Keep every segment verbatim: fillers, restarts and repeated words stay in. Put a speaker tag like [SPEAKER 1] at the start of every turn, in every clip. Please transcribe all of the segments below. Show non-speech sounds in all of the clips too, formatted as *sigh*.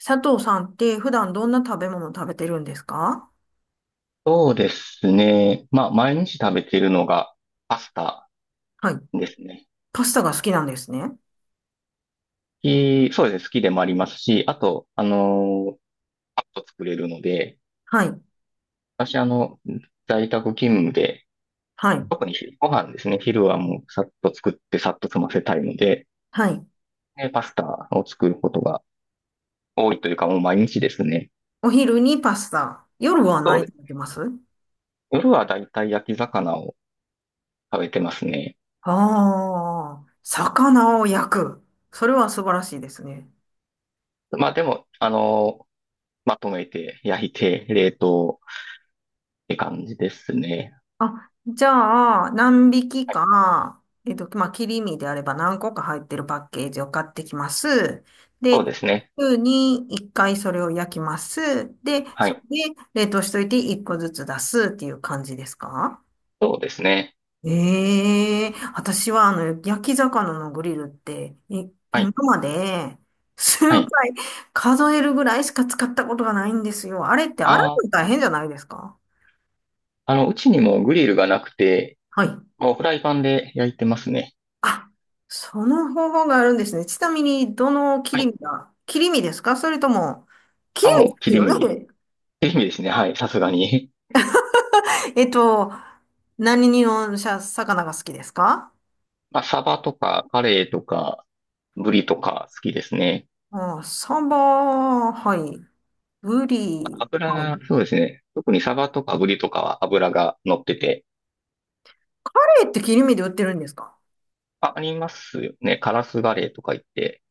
[SPEAKER 1] 佐藤さんって普段どんな食べ物食べてるんですか？
[SPEAKER 2] そうですね。まあ、毎日食べているのがパスタ
[SPEAKER 1] はい。
[SPEAKER 2] ですね。
[SPEAKER 1] パスタが好きなんですね。
[SPEAKER 2] 好きそうですね。好きでもありますし、あと、あのーパッと作れるので、
[SPEAKER 1] はい。
[SPEAKER 2] 私、あの、在宅勤務で、
[SPEAKER 1] はい。
[SPEAKER 2] 特に昼ご飯ですね。昼はもうさっと作ってさっと済ませたいので、
[SPEAKER 1] はい。
[SPEAKER 2] でパスタを作ることが多いというか、もう毎日ですね。
[SPEAKER 1] お昼にパスタ。夜は
[SPEAKER 2] そう
[SPEAKER 1] 何
[SPEAKER 2] で
[SPEAKER 1] 食べ
[SPEAKER 2] す。
[SPEAKER 1] てます？
[SPEAKER 2] 夜はだいたい焼き魚を食べてますね。
[SPEAKER 1] ああー、魚を焼く。それは素晴らしいですね。
[SPEAKER 2] まあ、でも、あのーまとめて、焼いて、冷凍って感じですね。
[SPEAKER 1] あ、じゃあ、何匹か、えっと、まあ、切り身であれば何個か入ってるパッケージを買ってきます。
[SPEAKER 2] そう
[SPEAKER 1] で、
[SPEAKER 2] ですね。
[SPEAKER 1] 週にいっかいそれを焼きます。で、
[SPEAKER 2] は
[SPEAKER 1] そ
[SPEAKER 2] い。
[SPEAKER 1] れで冷凍しといていっこずつ出すっていう感じですか？
[SPEAKER 2] そうですね。
[SPEAKER 1] ええー、私はあの、焼き魚のグリルって、い、
[SPEAKER 2] は
[SPEAKER 1] 今
[SPEAKER 2] い。
[SPEAKER 1] まで数
[SPEAKER 2] はい。
[SPEAKER 1] 回数えるぐらいしか使ったことがないんですよ。あれって洗
[SPEAKER 2] あー、
[SPEAKER 1] うの大
[SPEAKER 2] うん。
[SPEAKER 1] 変じゃないですか？
[SPEAKER 2] あの、うちにもグリルがなくて、
[SPEAKER 1] はい。
[SPEAKER 2] もうフライパンで焼いてますね。
[SPEAKER 1] あ、その方法があるんですね。ちなみに、どの切
[SPEAKER 2] は
[SPEAKER 1] り
[SPEAKER 2] い。
[SPEAKER 1] 身が、切り身ですか、それとも、切
[SPEAKER 2] あ、
[SPEAKER 1] り身
[SPEAKER 2] もう
[SPEAKER 1] です
[SPEAKER 2] 切り
[SPEAKER 1] よ
[SPEAKER 2] 身。
[SPEAKER 1] ね。
[SPEAKER 2] 切り身ですね。はい。さすがに。
[SPEAKER 1] *laughs* えっと、何にのしゃ魚が好きですか？
[SPEAKER 2] *laughs* まあ、サバとか、カレイとか、ブリとか好きですね。
[SPEAKER 1] あ、サバ、はい。ブリ、
[SPEAKER 2] 油
[SPEAKER 1] はい。
[SPEAKER 2] が、そうですね。特にサバとかブリとかは油が乗ってて。
[SPEAKER 1] カレーって切り身で売ってるんですか？
[SPEAKER 2] あ、ありますよね。カラスガレイとか言って。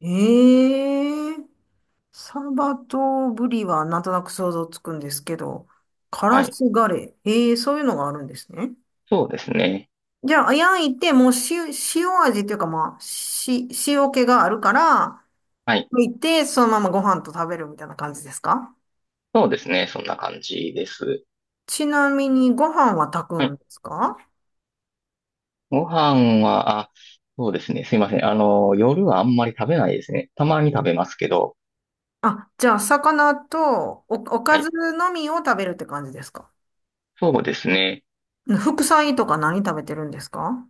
[SPEAKER 1] ええー、サバとブリはなんとなく想像つくんですけど、カ
[SPEAKER 2] は
[SPEAKER 1] ラ
[SPEAKER 2] い。
[SPEAKER 1] スガレー。ええー、そういうのがあるんですね。
[SPEAKER 2] そうですね。
[SPEAKER 1] じゃあ、焼いて、もう塩、塩味っていうか、まあ、し、塩気があるから、
[SPEAKER 2] はい。
[SPEAKER 1] 焼いて、そのままご飯と食べるみたいな感じですか？
[SPEAKER 2] そうですね。そんな感じです。
[SPEAKER 1] ちなみに、ご飯は炊く
[SPEAKER 2] は
[SPEAKER 1] ん
[SPEAKER 2] い。
[SPEAKER 1] ですか？
[SPEAKER 2] ご飯は、あ、そうですね。すいません。あの、夜はあんまり食べないですね。たまに食べますけど。
[SPEAKER 1] あ、じゃあ、魚とお、お
[SPEAKER 2] は
[SPEAKER 1] かず
[SPEAKER 2] い。
[SPEAKER 1] のみを食べるって感じですか？
[SPEAKER 2] そうですね。
[SPEAKER 1] 副菜とか何食べてるんですか？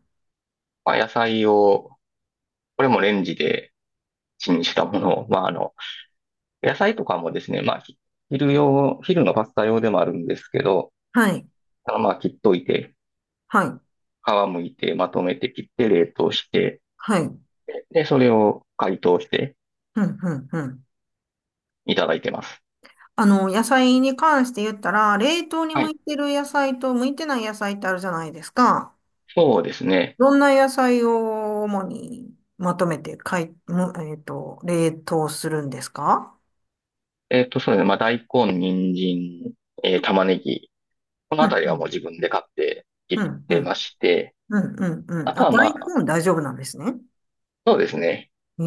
[SPEAKER 2] まあ、野菜を、これもレンジでチンしたものを、まあ、あの、野菜とかもですね、まあ、ひ昼用、昼のパスタ用でもあるんですけど、
[SPEAKER 1] はい、
[SPEAKER 2] あのまあ、切っといて、
[SPEAKER 1] はい、
[SPEAKER 2] 皮むいて、まとめて切って冷凍して、
[SPEAKER 1] はい。うん、
[SPEAKER 2] で、それを解凍して
[SPEAKER 1] うん、うん。
[SPEAKER 2] いただいてます。
[SPEAKER 1] あの、野菜に関して言ったら、冷凍に
[SPEAKER 2] は
[SPEAKER 1] 向
[SPEAKER 2] い。
[SPEAKER 1] いてる野菜と向いてない野菜ってあるじゃないですか。
[SPEAKER 2] そうですね。
[SPEAKER 1] どんな野菜を主にまとめてかい、むえっと、冷凍するんですか？
[SPEAKER 2] えっと、そうですね。まあ、大根、人参、えー玉ねぎ、この
[SPEAKER 1] う
[SPEAKER 2] あたりはもう
[SPEAKER 1] ん、
[SPEAKER 2] 自分で買ってい
[SPEAKER 1] う
[SPEAKER 2] っ
[SPEAKER 1] ん、う
[SPEAKER 2] てま
[SPEAKER 1] ん、
[SPEAKER 2] して、
[SPEAKER 1] うん、うん、う
[SPEAKER 2] あ
[SPEAKER 1] ん。
[SPEAKER 2] と
[SPEAKER 1] あ、
[SPEAKER 2] はまあ、
[SPEAKER 1] 大根大丈夫なんですね。
[SPEAKER 2] そうですね。
[SPEAKER 1] え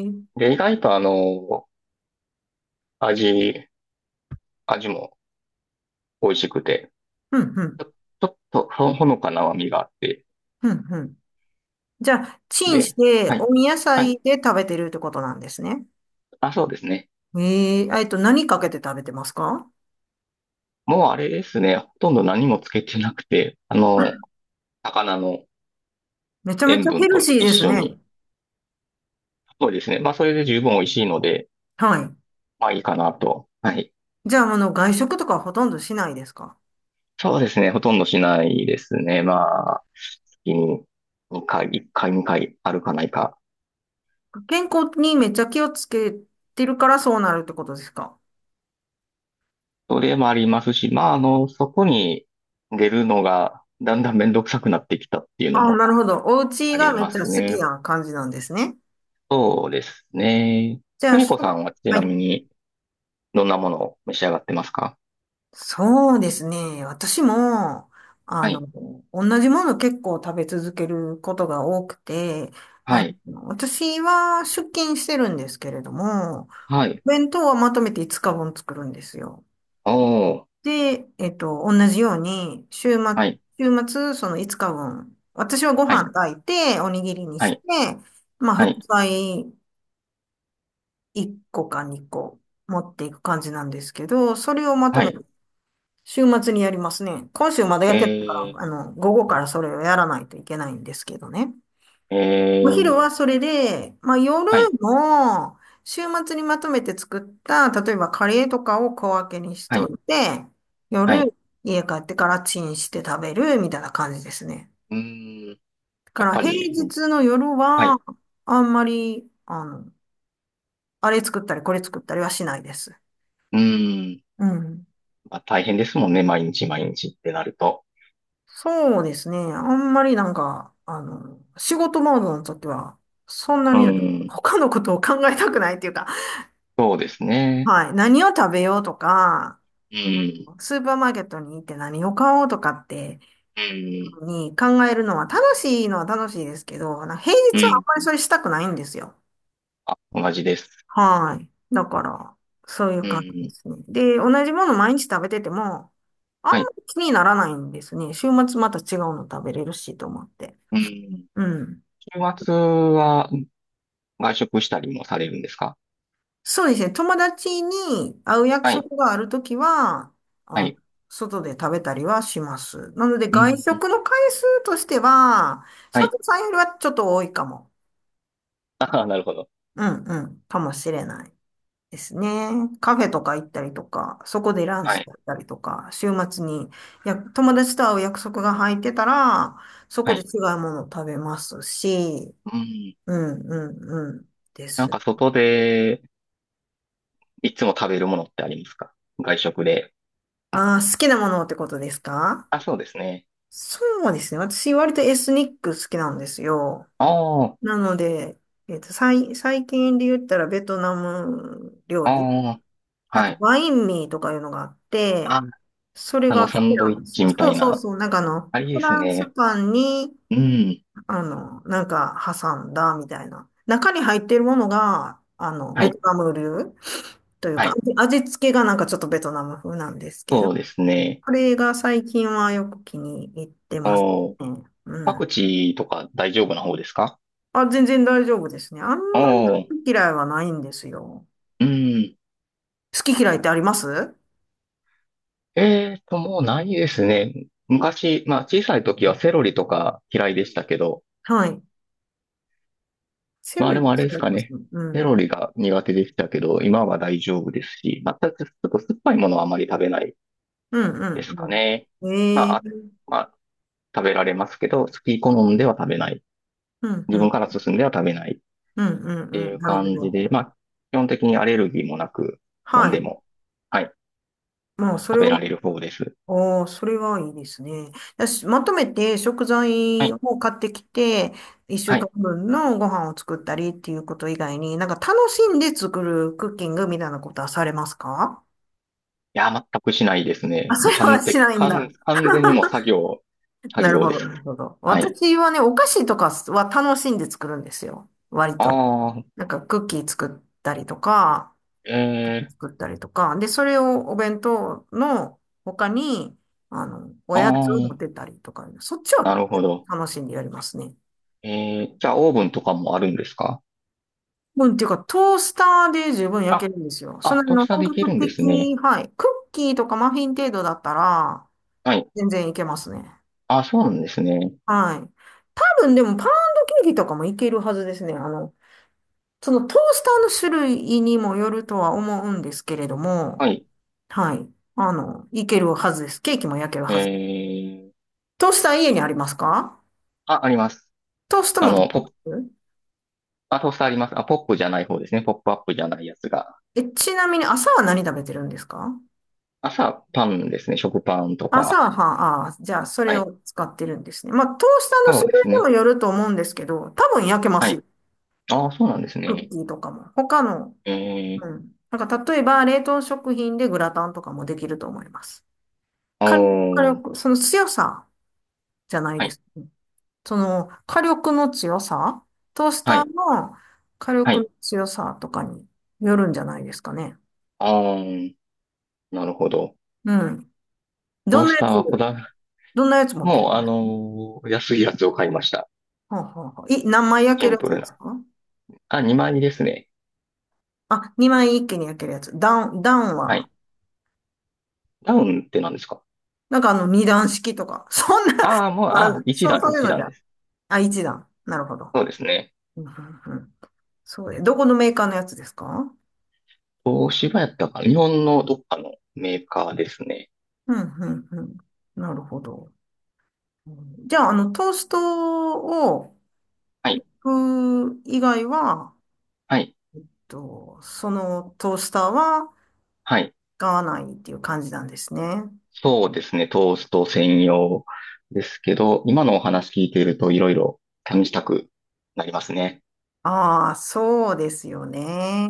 [SPEAKER 1] え、うん、
[SPEAKER 2] で、意外とあの、味、味も美味しくて、
[SPEAKER 1] うん、
[SPEAKER 2] ちょ、ちょっとほほのかな甘みがあって、
[SPEAKER 1] うん、うん。じゃあ、チンし
[SPEAKER 2] で、
[SPEAKER 1] て、
[SPEAKER 2] はい、
[SPEAKER 1] 温野
[SPEAKER 2] はい。
[SPEAKER 1] 菜で食べてるってことなんですね。
[SPEAKER 2] あ、そうですね。
[SPEAKER 1] ええ、えっと、何かけて食べてますか？
[SPEAKER 2] もうあれですね。ほとんど何もつけてなくて、あの、魚の
[SPEAKER 1] めちゃめち
[SPEAKER 2] 塩
[SPEAKER 1] ゃ
[SPEAKER 2] 分
[SPEAKER 1] ヘル
[SPEAKER 2] と
[SPEAKER 1] シー
[SPEAKER 2] 一
[SPEAKER 1] です
[SPEAKER 2] 緒
[SPEAKER 1] ね。
[SPEAKER 2] に、そうですね。まあ、それで十分美味しいので、
[SPEAKER 1] はい。
[SPEAKER 2] まあいいかなと。はい。
[SPEAKER 1] じゃあ、あの、外食とかはほとんどしないですか？
[SPEAKER 2] そうですね。ほとんどしないですね。まあ、月ににかい、いっかい、にかいあるかないか。
[SPEAKER 1] 健康にめっちゃ気をつけてるからそうなるってことですか？
[SPEAKER 2] それもありますし、まあ、あの、そこに出るのがだんだんめんどくさくなってきたっていうの
[SPEAKER 1] あ、
[SPEAKER 2] も
[SPEAKER 1] なるほど。お家
[SPEAKER 2] あ
[SPEAKER 1] が
[SPEAKER 2] り
[SPEAKER 1] めっ
[SPEAKER 2] ま
[SPEAKER 1] ちゃ
[SPEAKER 2] す
[SPEAKER 1] 好き
[SPEAKER 2] ね。
[SPEAKER 1] な感じなんですね。
[SPEAKER 2] そうですね。
[SPEAKER 1] じゃあ、
[SPEAKER 2] 邦
[SPEAKER 1] し
[SPEAKER 2] 子
[SPEAKER 1] ょ、
[SPEAKER 2] さんはち
[SPEAKER 1] は
[SPEAKER 2] なみ
[SPEAKER 1] い。
[SPEAKER 2] にどんなものを召し上がってますか？
[SPEAKER 1] そうですね。私も、あ
[SPEAKER 2] は
[SPEAKER 1] の、
[SPEAKER 2] い、
[SPEAKER 1] 同じもの結構食べ続けることが多くて、
[SPEAKER 2] は
[SPEAKER 1] あ
[SPEAKER 2] い、
[SPEAKER 1] の、私は出勤してるんですけれども、
[SPEAKER 2] は
[SPEAKER 1] お
[SPEAKER 2] い。
[SPEAKER 1] 弁当はまとめていつかぶん作るんですよ。
[SPEAKER 2] おー、
[SPEAKER 1] で、えっと、同じように、週末、
[SPEAKER 2] はい、
[SPEAKER 1] 週末、そのいつかぶん、私はご
[SPEAKER 2] は
[SPEAKER 1] 飯
[SPEAKER 2] い、
[SPEAKER 1] 炊いて、おにぎりに
[SPEAKER 2] は
[SPEAKER 1] して、
[SPEAKER 2] い、
[SPEAKER 1] まあ、
[SPEAKER 2] は
[SPEAKER 1] 副
[SPEAKER 2] い、
[SPEAKER 1] 菜いっこかにこ持っていく感じなんですけど、それをまと
[SPEAKER 2] は
[SPEAKER 1] め、
[SPEAKER 2] い。
[SPEAKER 1] 週末にやりますね。今週まだやってないから、あ
[SPEAKER 2] え
[SPEAKER 1] の、午後からそれをやらないといけないんですけどね。
[SPEAKER 2] ー、え
[SPEAKER 1] お昼は
[SPEAKER 2] ー、
[SPEAKER 1] それで、まあ夜
[SPEAKER 2] はい、
[SPEAKER 1] の週末にまとめて作った、例えばカレーとかを小分けにし
[SPEAKER 2] は
[SPEAKER 1] と
[SPEAKER 2] い、
[SPEAKER 1] いて、
[SPEAKER 2] はい。
[SPEAKER 1] 夜家帰ってからチンして食べるみたいな感じですね。
[SPEAKER 2] うーん、
[SPEAKER 1] だか
[SPEAKER 2] やっ
[SPEAKER 1] ら
[SPEAKER 2] ぱ
[SPEAKER 1] 平
[SPEAKER 2] り、
[SPEAKER 1] 日の夜
[SPEAKER 2] は
[SPEAKER 1] は
[SPEAKER 2] い。
[SPEAKER 1] あんまり、あの、あれ作ったりこれ作ったりはしないです。
[SPEAKER 2] うーん。
[SPEAKER 1] うん。
[SPEAKER 2] まあ、大変ですもんね。毎日毎日ってなると。
[SPEAKER 1] そうですね。あんまりなんか、あの、仕事モードの時は、そんな
[SPEAKER 2] う
[SPEAKER 1] に
[SPEAKER 2] ーん。
[SPEAKER 1] 他のことを考えたくないっていうか、*laughs*
[SPEAKER 2] そうですね。
[SPEAKER 1] はい。何を食べようとか、
[SPEAKER 2] うん。
[SPEAKER 1] スーパーマーケットに行って何を買おうとかって
[SPEAKER 2] うん。
[SPEAKER 1] に考えるのは楽しいのは楽しいですけど、なんか平
[SPEAKER 2] う
[SPEAKER 1] 日はあ
[SPEAKER 2] ん。
[SPEAKER 1] んまりそれしたくないんですよ。
[SPEAKER 2] あ、同じです。
[SPEAKER 1] はい。だから、そういう
[SPEAKER 2] う
[SPEAKER 1] 感じで
[SPEAKER 2] ん。
[SPEAKER 1] すね。で、同じもの毎日食べてても、あんま
[SPEAKER 2] はい。
[SPEAKER 1] り気にならないんですね。週末また違うの食べれるしと思って。
[SPEAKER 2] うん。
[SPEAKER 1] うん。
[SPEAKER 2] 週末は外食したりもされるんですか？
[SPEAKER 1] そうですね。友達に会う約
[SPEAKER 2] はい。
[SPEAKER 1] 束があるときは、
[SPEAKER 2] は
[SPEAKER 1] あ、
[SPEAKER 2] い。
[SPEAKER 1] 外で食べたりはします。なので、
[SPEAKER 2] う
[SPEAKER 1] 外
[SPEAKER 2] ん。
[SPEAKER 1] 食の回数としては、
[SPEAKER 2] は
[SPEAKER 1] 佐
[SPEAKER 2] い。
[SPEAKER 1] 藤さんよりはちょっと多いかも。
[SPEAKER 2] *laughs* ああ、なるほど。
[SPEAKER 1] うんうん。かもしれないですね。カフェとか行ったりとか、そこでラン
[SPEAKER 2] は
[SPEAKER 1] チ
[SPEAKER 2] い。
[SPEAKER 1] だったりとか、週末にや友達と会う約束が入ってたら、そ
[SPEAKER 2] は
[SPEAKER 1] こで違
[SPEAKER 2] い。
[SPEAKER 1] うものを食べますし、
[SPEAKER 2] うん。
[SPEAKER 1] うんうんうんで
[SPEAKER 2] なん
[SPEAKER 1] す。
[SPEAKER 2] か外でいつも食べるものってありますか？外食で。
[SPEAKER 1] あー、好きなものってことですか？
[SPEAKER 2] あ、そうですね。
[SPEAKER 1] そうですね。私、割とエスニック好きなんですよ。
[SPEAKER 2] ああ、
[SPEAKER 1] なので、えっと、最、最近で言ったらベトナム料理、
[SPEAKER 2] ああ。
[SPEAKER 1] なん
[SPEAKER 2] は
[SPEAKER 1] か、
[SPEAKER 2] い。
[SPEAKER 1] バインミーとかいうのがあって、
[SPEAKER 2] あ、
[SPEAKER 1] それ
[SPEAKER 2] あ
[SPEAKER 1] が
[SPEAKER 2] の、
[SPEAKER 1] 好き
[SPEAKER 2] サンド
[SPEAKER 1] な
[SPEAKER 2] イッ
[SPEAKER 1] んです
[SPEAKER 2] チ
[SPEAKER 1] よ。
[SPEAKER 2] みた
[SPEAKER 1] そう
[SPEAKER 2] い
[SPEAKER 1] そう
[SPEAKER 2] な。
[SPEAKER 1] そう。なんかあの、
[SPEAKER 2] ありで
[SPEAKER 1] フ
[SPEAKER 2] す
[SPEAKER 1] ランス
[SPEAKER 2] ね。
[SPEAKER 1] パンに、
[SPEAKER 2] うん。
[SPEAKER 1] あの、なんか挟んだみたいな。中に入っているものが、あの、
[SPEAKER 2] は
[SPEAKER 1] ベト
[SPEAKER 2] い。
[SPEAKER 1] ナム流という
[SPEAKER 2] は
[SPEAKER 1] か、
[SPEAKER 2] い。
[SPEAKER 1] 味味付けがなんかちょっとベトナム風なんですけど、
[SPEAKER 2] そうですね。
[SPEAKER 1] これが最近はよく気に入ってます
[SPEAKER 2] おー、
[SPEAKER 1] ね。
[SPEAKER 2] パ
[SPEAKER 1] うん。
[SPEAKER 2] クチーとか大丈夫な方ですか？
[SPEAKER 1] あ、全然大丈夫ですね。あんまり
[SPEAKER 2] おー、
[SPEAKER 1] 好き嫌いはないんですよ。
[SPEAKER 2] うん。
[SPEAKER 1] 好き嫌いってあります？
[SPEAKER 2] えーと、もうないですね。昔、まあ小さい時はセロリとか嫌いでしたけど、
[SPEAKER 1] はい。セ
[SPEAKER 2] ま
[SPEAKER 1] ロ
[SPEAKER 2] あ、で
[SPEAKER 1] リ
[SPEAKER 2] も、あれで
[SPEAKER 1] 使
[SPEAKER 2] す
[SPEAKER 1] い
[SPEAKER 2] か
[SPEAKER 1] ます
[SPEAKER 2] ね。
[SPEAKER 1] ね。う
[SPEAKER 2] セ
[SPEAKER 1] ん。
[SPEAKER 2] ロリが苦手でしたけど、今は大丈夫ですし、またちょっと酸っぱいものはあまり食べない
[SPEAKER 1] う
[SPEAKER 2] で
[SPEAKER 1] ん、
[SPEAKER 2] すか
[SPEAKER 1] うん、
[SPEAKER 2] ね。
[SPEAKER 1] うん。
[SPEAKER 2] ま
[SPEAKER 1] え
[SPEAKER 2] あ、
[SPEAKER 1] え、
[SPEAKER 2] あまあ、食べられますけど、好き好んでは食べない。
[SPEAKER 1] うん、
[SPEAKER 2] 自
[SPEAKER 1] う
[SPEAKER 2] 分
[SPEAKER 1] ん、
[SPEAKER 2] から進んでは食べない。っ
[SPEAKER 1] うん、う
[SPEAKER 2] て
[SPEAKER 1] ん、う
[SPEAKER 2] い
[SPEAKER 1] ん。
[SPEAKER 2] う
[SPEAKER 1] なるほ
[SPEAKER 2] 感じ
[SPEAKER 1] ど。
[SPEAKER 2] で、まあ、基本的にアレルギーもなく、
[SPEAKER 1] は
[SPEAKER 2] 何で
[SPEAKER 1] い。
[SPEAKER 2] も、はい、
[SPEAKER 1] まあ、そ
[SPEAKER 2] 食
[SPEAKER 1] れ
[SPEAKER 2] べ
[SPEAKER 1] は、
[SPEAKER 2] られる方です。
[SPEAKER 1] おー、それはいいですね。だしまとめて食
[SPEAKER 2] は
[SPEAKER 1] 材
[SPEAKER 2] い、
[SPEAKER 1] を買ってきて、一週
[SPEAKER 2] はい。い
[SPEAKER 1] 間分のご飯を作ったりっていうこと以外に、なんか楽しんで作るクッキングみたいなことはされますか？
[SPEAKER 2] や、全くしないです
[SPEAKER 1] あ、
[SPEAKER 2] ね。
[SPEAKER 1] そ
[SPEAKER 2] もう
[SPEAKER 1] れは
[SPEAKER 2] 完
[SPEAKER 1] し
[SPEAKER 2] 璧、
[SPEAKER 1] ないん
[SPEAKER 2] 完、
[SPEAKER 1] だ。
[SPEAKER 2] 完全にもう作業、作
[SPEAKER 1] なる
[SPEAKER 2] 業
[SPEAKER 1] ほ
[SPEAKER 2] で
[SPEAKER 1] ど、
[SPEAKER 2] す。
[SPEAKER 1] なるほど。
[SPEAKER 2] はい。
[SPEAKER 1] 私はね、お菓子とかは楽しんで作るんですよ。割と。
[SPEAKER 2] ああ、
[SPEAKER 1] なんかクッキー作ったりとか、
[SPEAKER 2] えー、
[SPEAKER 1] 作ったりとか。で、それをお弁当の他に、あの、お
[SPEAKER 2] あ
[SPEAKER 1] やつを持って
[SPEAKER 2] あ、
[SPEAKER 1] たりとか、そっち
[SPEAKER 2] な
[SPEAKER 1] は
[SPEAKER 2] るほど。
[SPEAKER 1] 楽しんでやりますね。
[SPEAKER 2] えー、じゃあ、オーブンとかもあるんですか？
[SPEAKER 1] うん、っていうか、トースターで十分焼け
[SPEAKER 2] あ、
[SPEAKER 1] るんですよ。その、あ
[SPEAKER 2] あ、トー
[SPEAKER 1] の、
[SPEAKER 2] スターで
[SPEAKER 1] 本
[SPEAKER 2] きる
[SPEAKER 1] 格
[SPEAKER 2] んですね。
[SPEAKER 1] 的、はい。クッキーとかマフィン程度だったら、
[SPEAKER 2] はい。
[SPEAKER 1] 全然いけますね。
[SPEAKER 2] あ、そうなんですね。
[SPEAKER 1] はい。多分、でも、パウンドケーキとかもいけるはずですね。あの、そのトースターの種類にもよるとは思うんですけれども、
[SPEAKER 2] はい。
[SPEAKER 1] はい。あの、いけるはずです。ケーキも焼ける
[SPEAKER 2] え
[SPEAKER 1] はず。
[SPEAKER 2] ー、
[SPEAKER 1] トースター家にありますか？
[SPEAKER 2] あ、あります。
[SPEAKER 1] トーストも
[SPEAKER 2] あ
[SPEAKER 1] 食
[SPEAKER 2] の、
[SPEAKER 1] べ
[SPEAKER 2] ポップ、
[SPEAKER 1] ます？
[SPEAKER 2] あ、トースターあります。あ、ポップじゃない方ですね。ポップアップじゃないやつが。
[SPEAKER 1] え、ちなみに朝は何食べてるんですか？
[SPEAKER 2] 朝、パンですね。食パンと
[SPEAKER 1] 朝
[SPEAKER 2] か。
[SPEAKER 1] は、はああ、じゃあそれ
[SPEAKER 2] はい。
[SPEAKER 1] を使ってるんですね。まあ、トースターの
[SPEAKER 2] そ
[SPEAKER 1] 種
[SPEAKER 2] うで
[SPEAKER 1] 類
[SPEAKER 2] す
[SPEAKER 1] にも
[SPEAKER 2] ね。
[SPEAKER 1] よると思うんですけど、多分焼けま
[SPEAKER 2] は
[SPEAKER 1] す
[SPEAKER 2] い。
[SPEAKER 1] よ。
[SPEAKER 2] ああ、そうなんです
[SPEAKER 1] クッ
[SPEAKER 2] ね。
[SPEAKER 1] キーとかも。他の、
[SPEAKER 2] え
[SPEAKER 1] う
[SPEAKER 2] ー、
[SPEAKER 1] ん。なんか例えば冷凍食品でグラタンとかもできると思います。
[SPEAKER 2] お
[SPEAKER 1] 火力、火
[SPEAKER 2] ー、
[SPEAKER 1] 力、その強さじゃない
[SPEAKER 2] は
[SPEAKER 1] で
[SPEAKER 2] い、
[SPEAKER 1] す。その火力の強さ、トース
[SPEAKER 2] は
[SPEAKER 1] タ
[SPEAKER 2] い、
[SPEAKER 1] ーの火
[SPEAKER 2] は
[SPEAKER 1] 力の
[SPEAKER 2] い。
[SPEAKER 1] 強さとかによるんじゃないですかね。
[SPEAKER 2] あー、なるほど。
[SPEAKER 1] うん。ど
[SPEAKER 2] トー
[SPEAKER 1] んな
[SPEAKER 2] ス
[SPEAKER 1] や
[SPEAKER 2] ター
[SPEAKER 1] つ、
[SPEAKER 2] はこだわ、
[SPEAKER 1] どんなやつ持ってるん
[SPEAKER 2] もう、
[SPEAKER 1] で
[SPEAKER 2] あ
[SPEAKER 1] す
[SPEAKER 2] のー安いやつを買いました。
[SPEAKER 1] か？はあはあはあい、何枚焼け
[SPEAKER 2] シ
[SPEAKER 1] る
[SPEAKER 2] ン
[SPEAKER 1] や
[SPEAKER 2] プ
[SPEAKER 1] つ
[SPEAKER 2] ル
[SPEAKER 1] です
[SPEAKER 2] な。
[SPEAKER 1] か？
[SPEAKER 2] あ、万円ですね。
[SPEAKER 1] あ、にまい一気に焼けるやつ。ダウン、ダウン
[SPEAKER 2] は
[SPEAKER 1] は、
[SPEAKER 2] い。ダウンって何ですか？
[SPEAKER 1] なんかあの二段式とか、そんな、
[SPEAKER 2] ああー、もう、
[SPEAKER 1] あ、
[SPEAKER 2] あ、一
[SPEAKER 1] そう、
[SPEAKER 2] 段、
[SPEAKER 1] そういう
[SPEAKER 2] 一
[SPEAKER 1] のじ
[SPEAKER 2] 段
[SPEAKER 1] ゃ。
[SPEAKER 2] です。
[SPEAKER 1] あ、一段。なるほど。
[SPEAKER 2] そうですね。
[SPEAKER 1] うんうんうん、そうで、どこのメーカーのやつですか？
[SPEAKER 2] 東芝やったかな。日本のどっかのメーカーですね。
[SPEAKER 1] うん、うん、うん。なるほど。うん、じゃあ、あの、トーストを、
[SPEAKER 2] はい、
[SPEAKER 1] 行く以外は、え
[SPEAKER 2] はい、
[SPEAKER 1] っと、そのトースターは
[SPEAKER 2] はい。
[SPEAKER 1] 使わないっていう感じなんですね。
[SPEAKER 2] そうですね、トースト専用ですけど、今のお話聞いているといろいろ試したくなりますね。
[SPEAKER 1] ああ、そうですよね。